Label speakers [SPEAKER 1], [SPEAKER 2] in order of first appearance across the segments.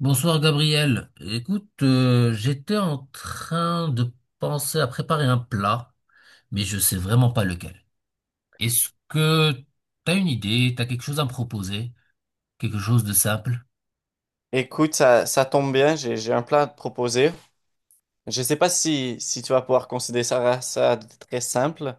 [SPEAKER 1] Bonsoir Gabriel. Écoute, j'étais en train de penser à préparer un plat, mais je sais vraiment pas lequel. Est-ce que t'as une idée, t'as quelque chose à me proposer? Quelque chose de simple?
[SPEAKER 2] Écoute, ça tombe bien, j'ai un plat à te proposer. Je ne sais pas si tu vas pouvoir considérer ça de très simple,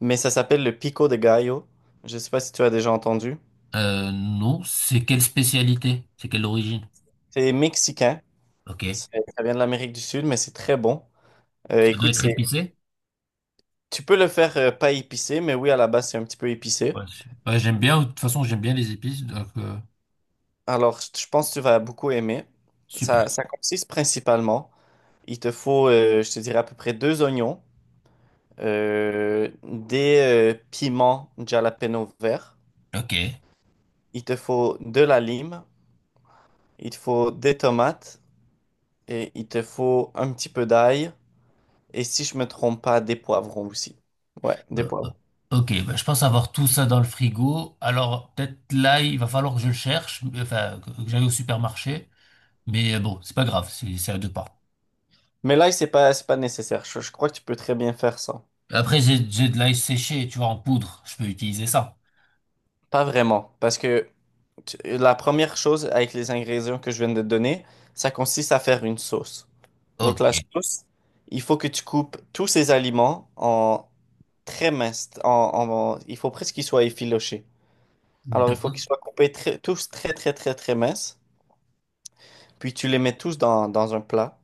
[SPEAKER 2] mais ça s'appelle le pico de gallo. Je ne sais pas si tu as déjà entendu.
[SPEAKER 1] Non, c'est quelle spécialité? C'est quelle origine?
[SPEAKER 2] C'est mexicain,
[SPEAKER 1] Ok.
[SPEAKER 2] Ça vient de l'Amérique du Sud, mais c'est très bon.
[SPEAKER 1] Ça doit
[SPEAKER 2] Écoute,
[SPEAKER 1] être épicé?
[SPEAKER 2] tu peux le faire pas épicé, mais oui, à la base, c'est un petit peu épicé.
[SPEAKER 1] Ouais, ouais, j'aime bien, de toute façon j'aime bien les épices,
[SPEAKER 2] Alors, je pense que tu vas beaucoup aimer. Ça,
[SPEAKER 1] super.
[SPEAKER 2] ça consiste principalement, il te faut, je te dirais, à peu près deux oignons, des piments jalapeno verts.
[SPEAKER 1] Ok.
[SPEAKER 2] Il te faut de la lime, il te faut des tomates et il te faut un petit peu d'ail. Et si je me trompe pas, des poivrons aussi. Ouais, des
[SPEAKER 1] Euh, euh,
[SPEAKER 2] poivrons.
[SPEAKER 1] Ok, bah, je pense avoir tout ça dans le frigo. Alors, peut-être là, il va falloir que je le cherche, enfin, que j'aille au supermarché. Mais bon, c'est pas grave, c'est à deux pas.
[SPEAKER 2] Mais l'ail, c'est pas nécessaire. Je crois que tu peux très bien faire ça.
[SPEAKER 1] Après, j'ai de l'ail séché, tu vois, en poudre. Je peux utiliser ça.
[SPEAKER 2] Pas vraiment. Parce que la première chose avec les ingrédients que je viens de te donner, ça consiste à faire une sauce. Donc
[SPEAKER 1] Ok.
[SPEAKER 2] la sauce, il faut que tu coupes tous ces aliments en très minces. Il faut presque qu'ils soient effilochés. Alors il faut
[SPEAKER 1] D'accord.
[SPEAKER 2] qu'ils soient coupés tous très très très très minces. Puis tu les mets tous dans un plat,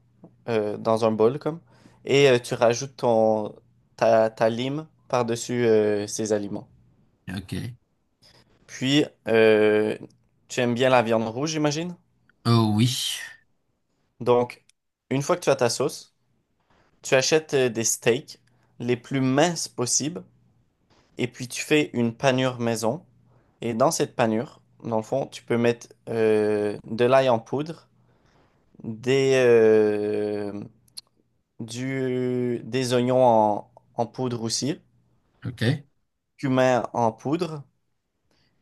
[SPEAKER 2] dans un bol comme, et tu rajoutes ta lime par-dessus ces aliments.
[SPEAKER 1] Ok.
[SPEAKER 2] Puis tu aimes bien la viande rouge, j'imagine?
[SPEAKER 1] Oh oui.
[SPEAKER 2] Donc, une fois que tu as ta sauce, tu achètes des steaks les plus minces possibles, et puis tu fais une panure maison. Et dans cette panure, dans le fond, tu peux mettre de l'ail en poudre, des, euh, des oignons en poudre aussi,
[SPEAKER 1] Ok.
[SPEAKER 2] cumin en poudre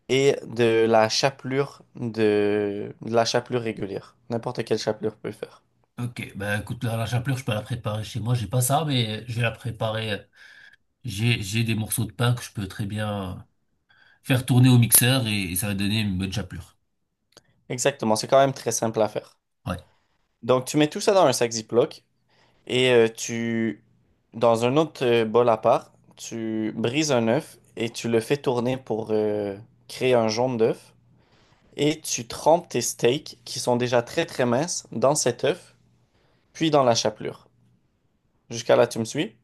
[SPEAKER 2] et de la chapelure de la chapelure régulière. N'importe quelle chapelure peut le faire.
[SPEAKER 1] Ok, bah écoute, là, la chapelure, je peux la préparer chez moi. J'ai pas ça, mais je vais la préparer. J'ai des morceaux de pain que je peux très bien faire tourner au mixeur et ça va donner une bonne chapelure.
[SPEAKER 2] Exactement, c'est quand même très simple à faire.
[SPEAKER 1] Ouais.
[SPEAKER 2] Donc tu mets tout ça dans un sac Ziploc et tu dans un autre bol à part, tu brises un œuf et tu le fais tourner pour créer un jaune d'œuf et tu trempes tes steaks qui sont déjà très très minces dans cet œuf puis dans la chapelure. Jusqu'à là, tu me suis?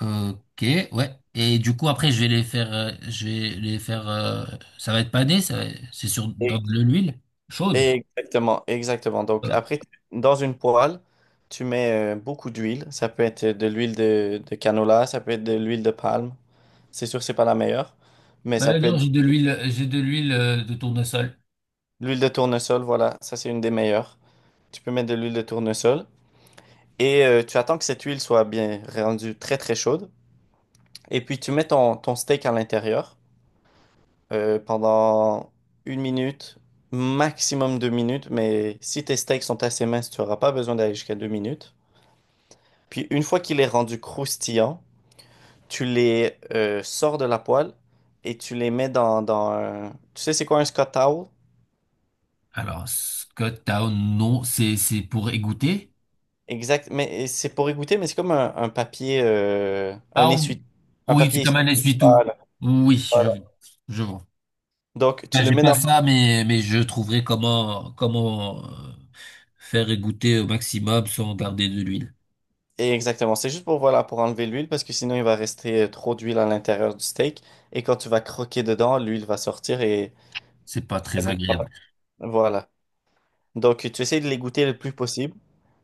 [SPEAKER 1] Ok, ouais. Et du coup, après, je vais les faire, ça va être pané, c'est sur, dans
[SPEAKER 2] Et-
[SPEAKER 1] de l'huile chaude.
[SPEAKER 2] Exactement, exactement. Donc
[SPEAKER 1] Euh,
[SPEAKER 2] après, dans une poêle, tu mets beaucoup d'huile. Ça peut être de l'huile de canola, ça peut être de l'huile de palme. C'est sûr que c'est pas la meilleure, mais ça
[SPEAKER 1] Bah
[SPEAKER 2] peut
[SPEAKER 1] non,
[SPEAKER 2] être
[SPEAKER 1] j'ai de l'huile, j'ai de l'huile de tournesol.
[SPEAKER 2] l'huile de tournesol. Voilà, ça c'est une des meilleures. Tu peux mettre de l'huile de tournesol et tu attends que cette huile soit bien rendue très très chaude. Et puis tu mets ton steak à l'intérieur pendant une minute, maximum deux minutes. Mais si tes steaks sont assez minces, tu n'auras pas besoin d'aller jusqu'à deux minutes. Puis une fois qu'il est rendu croustillant, tu les sors de la poêle et tu les mets dans un... Tu sais, c'est quoi un Scott Towel?
[SPEAKER 1] Alors, Scott Town, non, c'est pour égoutter.
[SPEAKER 2] Exact, mais c'est pour égoutter, mais c'est comme un papier, un
[SPEAKER 1] Ah
[SPEAKER 2] essuie, un
[SPEAKER 1] oui, c'est
[SPEAKER 2] papier
[SPEAKER 1] comme
[SPEAKER 2] essuie.
[SPEAKER 1] un essuie-tout.
[SPEAKER 2] Voilà,
[SPEAKER 1] Oui, je
[SPEAKER 2] voilà.
[SPEAKER 1] vois. Je vois.
[SPEAKER 2] Donc
[SPEAKER 1] Ben,
[SPEAKER 2] tu le
[SPEAKER 1] j'ai
[SPEAKER 2] mets
[SPEAKER 1] pas
[SPEAKER 2] dans...
[SPEAKER 1] ça, mais je trouverai comment, comment faire égoutter au maximum sans garder de l'huile.
[SPEAKER 2] Exactement, c'est juste pour, voilà, pour enlever l'huile parce que sinon il va rester trop d'huile à l'intérieur du steak et quand tu vas croquer dedans, l'huile va sortir et
[SPEAKER 1] C'est pas
[SPEAKER 2] ça
[SPEAKER 1] très
[SPEAKER 2] goûtera
[SPEAKER 1] agréable.
[SPEAKER 2] pas. Voilà. Donc, tu essaies de les goûter le plus possible.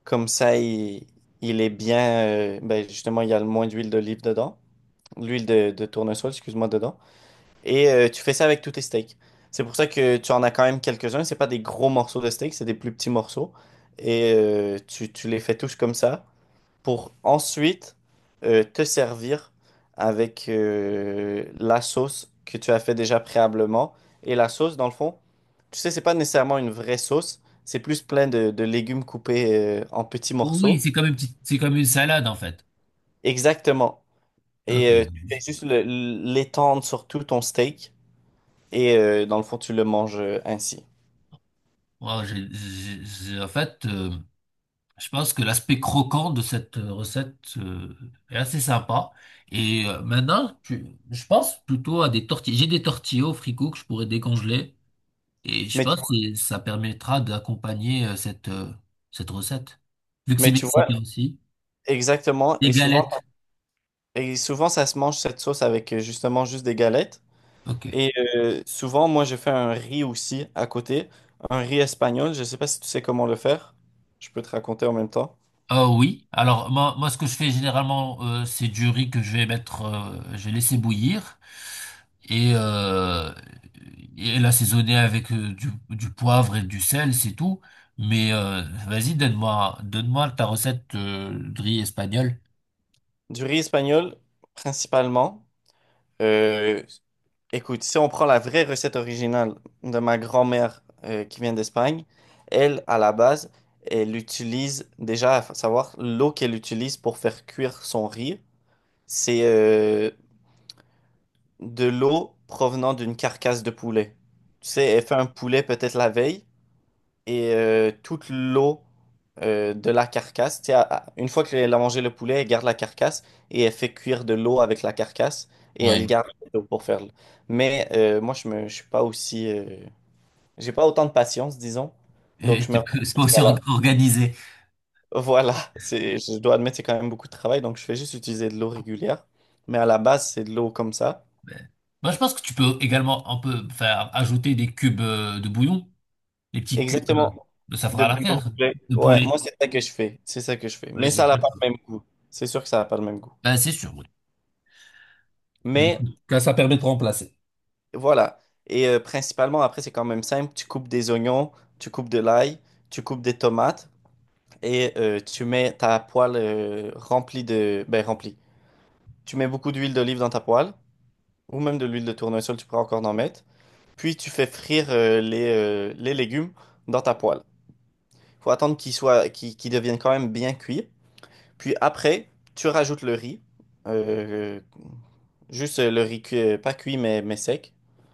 [SPEAKER 2] Comme ça, il est bien. Ben, justement, il y a le moins d'huile d'olive dedans. L'huile de tournesol, excuse-moi, dedans. Et tu fais ça avec tous tes steaks. C'est pour ça que tu en as quand même quelques-uns. C'est pas des gros morceaux de steak, c'est des plus petits morceaux. Et tu les fais tous comme ça pour ensuite te servir avec la sauce que tu as fait déjà préalablement. Et la sauce, dans le fond, tu sais, c'est pas nécessairement une vraie sauce, c'est plus plein de légumes coupés en petits
[SPEAKER 1] Oui,
[SPEAKER 2] morceaux.
[SPEAKER 1] c'est comme une petite, c'est comme une salade en fait.
[SPEAKER 2] Exactement. Et
[SPEAKER 1] Ok.
[SPEAKER 2] tu fais juste l'étendre sur tout ton steak et dans le fond, tu le manges ainsi.
[SPEAKER 1] Wow, en fait, je pense que l'aspect croquant de cette recette est assez sympa. Maintenant, je pense plutôt à des tortillas. J'ai des tortillas au frigo que je pourrais décongeler. Et je
[SPEAKER 2] Mais tu,
[SPEAKER 1] pense que ça permettra d'accompagner cette, cette recette. Vu que c'est
[SPEAKER 2] mais tu vois,
[SPEAKER 1] mexicain aussi.
[SPEAKER 2] exactement.
[SPEAKER 1] Des
[SPEAKER 2] Et souvent,
[SPEAKER 1] galettes.
[SPEAKER 2] et souvent, ça se mange cette sauce avec justement juste des galettes.
[SPEAKER 1] Ok.
[SPEAKER 2] Et souvent, moi, je fais un riz aussi à côté, un riz espagnol. Je ne sais pas si tu sais comment le faire. Je peux te raconter en même temps.
[SPEAKER 1] Oui, alors moi ce que je fais généralement c'est du riz que je vais mettre, je vais laisser bouillir et et l'assaisonner avec du poivre et du sel, c'est tout. Mais vas-y, donne-moi, donne-moi ta recette de riz espagnol.
[SPEAKER 2] Du riz espagnol, principalement. euh, Écoute, si on prend la vraie recette originale de ma grand-mère qui vient d'Espagne, elle, à la base, elle utilise déjà, à savoir, l'eau qu'elle utilise pour faire cuire son riz, c'est de l'eau provenant d'une carcasse de poulet. Tu sais, elle fait un poulet peut-être la veille. Et toute l'eau de la carcasse. Tu sais, une fois qu'elle a mangé le poulet, elle garde la carcasse et elle fait cuire de l'eau avec la carcasse et
[SPEAKER 1] Ouais.
[SPEAKER 2] elle garde l'eau pour faire. Mais je suis pas aussi, j'ai pas autant de patience, disons. Donc,
[SPEAKER 1] Et
[SPEAKER 2] je me
[SPEAKER 1] tu peux-
[SPEAKER 2] retrouve
[SPEAKER 1] C'est pas aussi
[SPEAKER 2] jusqu'à là.
[SPEAKER 1] organisé.
[SPEAKER 2] Voilà, c'est, je dois admettre, c'est quand même beaucoup de travail. Donc, je fais juste utiliser de l'eau régulière. Mais à la base, c'est de l'eau comme ça.
[SPEAKER 1] Mais- Moi je pense que tu peux également un peu faire ajouter des cubes de bouillon, des petits cubes,
[SPEAKER 2] Exactement.
[SPEAKER 1] ça
[SPEAKER 2] De
[SPEAKER 1] fera
[SPEAKER 2] bouillon de
[SPEAKER 1] l'affaire,
[SPEAKER 2] poulet.
[SPEAKER 1] de
[SPEAKER 2] Ouais,
[SPEAKER 1] poulet.
[SPEAKER 2] moi, c'est ça que je fais. C'est ça que je fais.
[SPEAKER 1] Ouais,
[SPEAKER 2] Mais
[SPEAKER 1] c'est
[SPEAKER 2] ça n'a pas
[SPEAKER 1] sûr.
[SPEAKER 2] le même goût. C'est sûr que ça n'a pas le même goût.
[SPEAKER 1] Ben, c'est sûr, oui. Donc,
[SPEAKER 2] Mais
[SPEAKER 1] que ça permet de remplacer.
[SPEAKER 2] voilà. Et principalement, après, c'est quand même simple. Tu coupes des oignons, tu coupes de l'ail, tu coupes des tomates et tu mets ta poêle remplie de... Ben, remplie. Tu mets beaucoup d'huile d'olive dans ta poêle ou même de l'huile de tournesol, tu pourras encore en mettre. Puis tu fais frire les légumes dans ta poêle. Faut attendre qu'ils soient, qu'ils deviennent quand même bien cuits. Puis après, tu rajoutes le riz. Euh, Juste le riz pas cuit, mais sec,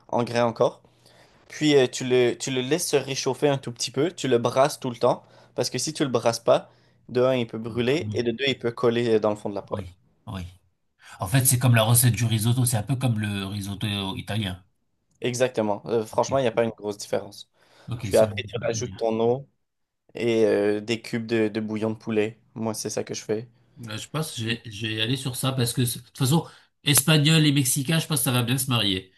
[SPEAKER 2] en grains encore. Puis tu le laisses se réchauffer un tout petit peu, tu le brasses tout le temps, parce que si tu le brasses pas, de un, il peut brûler,
[SPEAKER 1] Autrement,
[SPEAKER 2] et de deux, il peut coller dans le fond de la poêle.
[SPEAKER 1] oui, oui. En fait, c'est comme la recette du risotto, c'est un peu comme le risotto italien.
[SPEAKER 2] Exactement.
[SPEAKER 1] Ok,
[SPEAKER 2] Franchement, il n'y a pas une grosse différence.
[SPEAKER 1] ok,
[SPEAKER 2] Puis
[SPEAKER 1] c'est la
[SPEAKER 2] après,
[SPEAKER 1] même
[SPEAKER 2] tu
[SPEAKER 1] chose.
[SPEAKER 2] rajoutes ton eau et des cubes de bouillon de poulet. Moi, c'est ça que je fais.
[SPEAKER 1] Là, je pense que
[SPEAKER 2] Puis,
[SPEAKER 1] je vais aller sur ça parce que de toute façon, espagnol et mexicain, je pense que ça va bien se marier.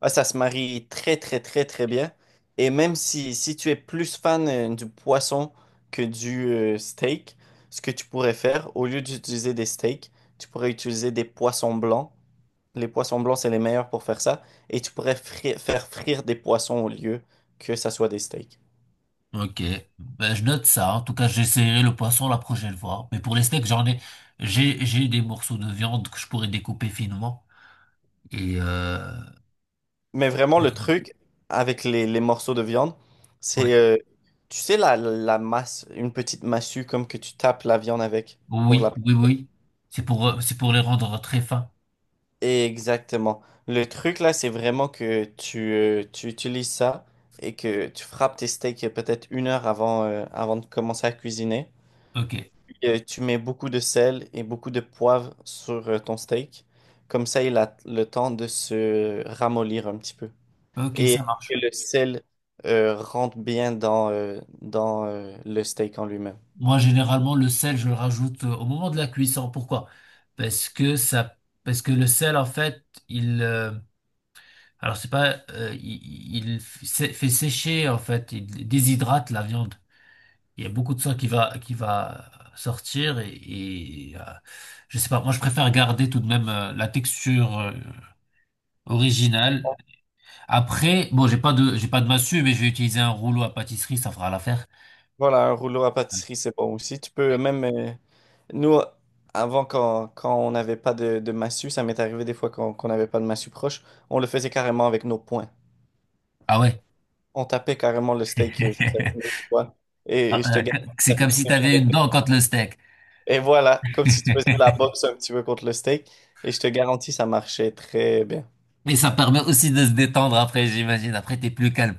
[SPEAKER 2] ah, ça se marie très, très, très, très bien. Et même si tu es plus fan du poisson que du steak, ce que tu pourrais faire, au lieu d'utiliser des steaks, tu pourrais utiliser des poissons blancs. Les poissons blancs, c'est les meilleurs pour faire ça. Et tu pourrais faire frire des poissons au lieu que ça soit des steaks.
[SPEAKER 1] Ok, ben, je note ça. En tout cas, j'essaierai le poisson la prochaine fois. Mais pour les steaks, j'ai des morceaux de viande que je pourrais découper finement. Et euh,
[SPEAKER 2] Mais vraiment, le truc avec les morceaux de viande, c'est,
[SPEAKER 1] ouais.
[SPEAKER 2] euh, tu sais, la masse, une petite massue comme que tu tapes la viande avec pour
[SPEAKER 1] Oui,
[SPEAKER 2] la...
[SPEAKER 1] oui, oui. C'est pour les rendre très fins.
[SPEAKER 2] Exactement. Le truc là, c'est vraiment que tu utilises ça et que tu frappes tes steaks peut-être une heure avant, avant de commencer à cuisiner.
[SPEAKER 1] Ok.
[SPEAKER 2] Tu mets beaucoup de sel et beaucoup de poivre sur ton steak. Comme ça, il a le temps de se ramollir un petit peu.
[SPEAKER 1] Ok,
[SPEAKER 2] Et
[SPEAKER 1] ça
[SPEAKER 2] que
[SPEAKER 1] marche.
[SPEAKER 2] le sel rentre bien dans le steak en lui-même.
[SPEAKER 1] Moi, généralement, le sel, je le rajoute au moment de la cuisson. Pourquoi? Parce que ça, parce que le sel, en fait, il, euh, alors c'est pas, fait sécher, en fait, il déshydrate la viande. Il y a beaucoup de sang qui va sortir et je sais pas. Moi, je préfère garder tout de même la texture originale. Après, bon, j'ai pas de massue, mais je vais utiliser un rouleau à pâtisserie, ça fera l'affaire.
[SPEAKER 2] Voilà, un rouleau à pâtisserie, c'est bon aussi. Tu peux même... nous, avant, quand on n'avait pas de massue, ça m'est arrivé des fois qu'on n'avait pas de massue proche, on le faisait carrément avec nos poings.
[SPEAKER 1] Ah ouais.
[SPEAKER 2] On tapait carrément le steak juste avec nos poings. Et,
[SPEAKER 1] Ah,
[SPEAKER 2] et je te gagne,
[SPEAKER 1] C'est
[SPEAKER 2] ça fait
[SPEAKER 1] comme
[SPEAKER 2] très
[SPEAKER 1] si tu avais
[SPEAKER 2] bien.
[SPEAKER 1] une dent contre le steak.
[SPEAKER 2] Et voilà, comme si tu faisais de la boxe un petit peu contre le steak. Et je te garantis, ça marchait très bien.
[SPEAKER 1] Mais ça permet aussi de se détendre après, j'imagine. Après, t'es plus calme.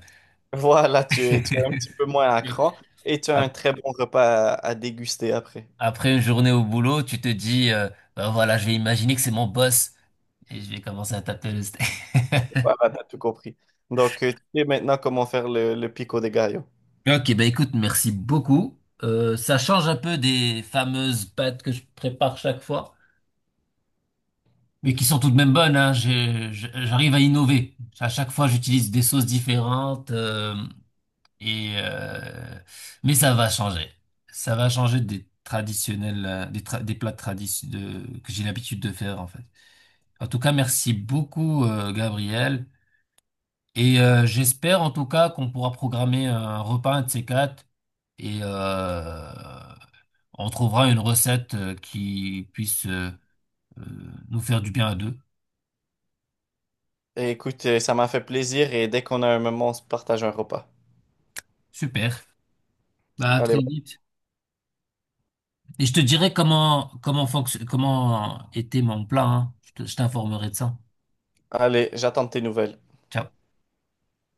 [SPEAKER 2] Voilà, tu es un petit peu moins à cran et tu as un
[SPEAKER 1] Ap-
[SPEAKER 2] très bon repas à déguster après.
[SPEAKER 1] Après une journée au boulot, tu te dis, ben voilà, je vais imaginer que c'est mon boss et je vais commencer à taper le steak.
[SPEAKER 2] Voilà, t'as tout compris. Donc, tu sais maintenant comment faire le pico de gallo.
[SPEAKER 1] Ok, bah écoute, merci beaucoup. Ça change un peu des fameuses pâtes que je prépare chaque fois, mais qui sont tout de même bonnes, hein. J'arrive à innover. À chaque fois, j'utilise des sauces différentes. Et euh, mais ça va changer. Ça va changer des traditionnels, des plats traditionnels que j'ai l'habitude de faire en fait. En tout cas, merci beaucoup Gabriel. J'espère en tout cas qu'on pourra programmer un repas un de ces quatre et on trouvera une recette qui puisse euh, nous faire du bien à deux.
[SPEAKER 2] Et écoute, ça m'a fait plaisir et dès qu'on a un moment, on se partage un repas.
[SPEAKER 1] Super. Bah à très
[SPEAKER 2] Allez,
[SPEAKER 1] vite. Et je te dirai comment était mon plat. Hein. Je t'informerai de ça.
[SPEAKER 2] allez, j'attends tes nouvelles.
[SPEAKER 1] Ciao.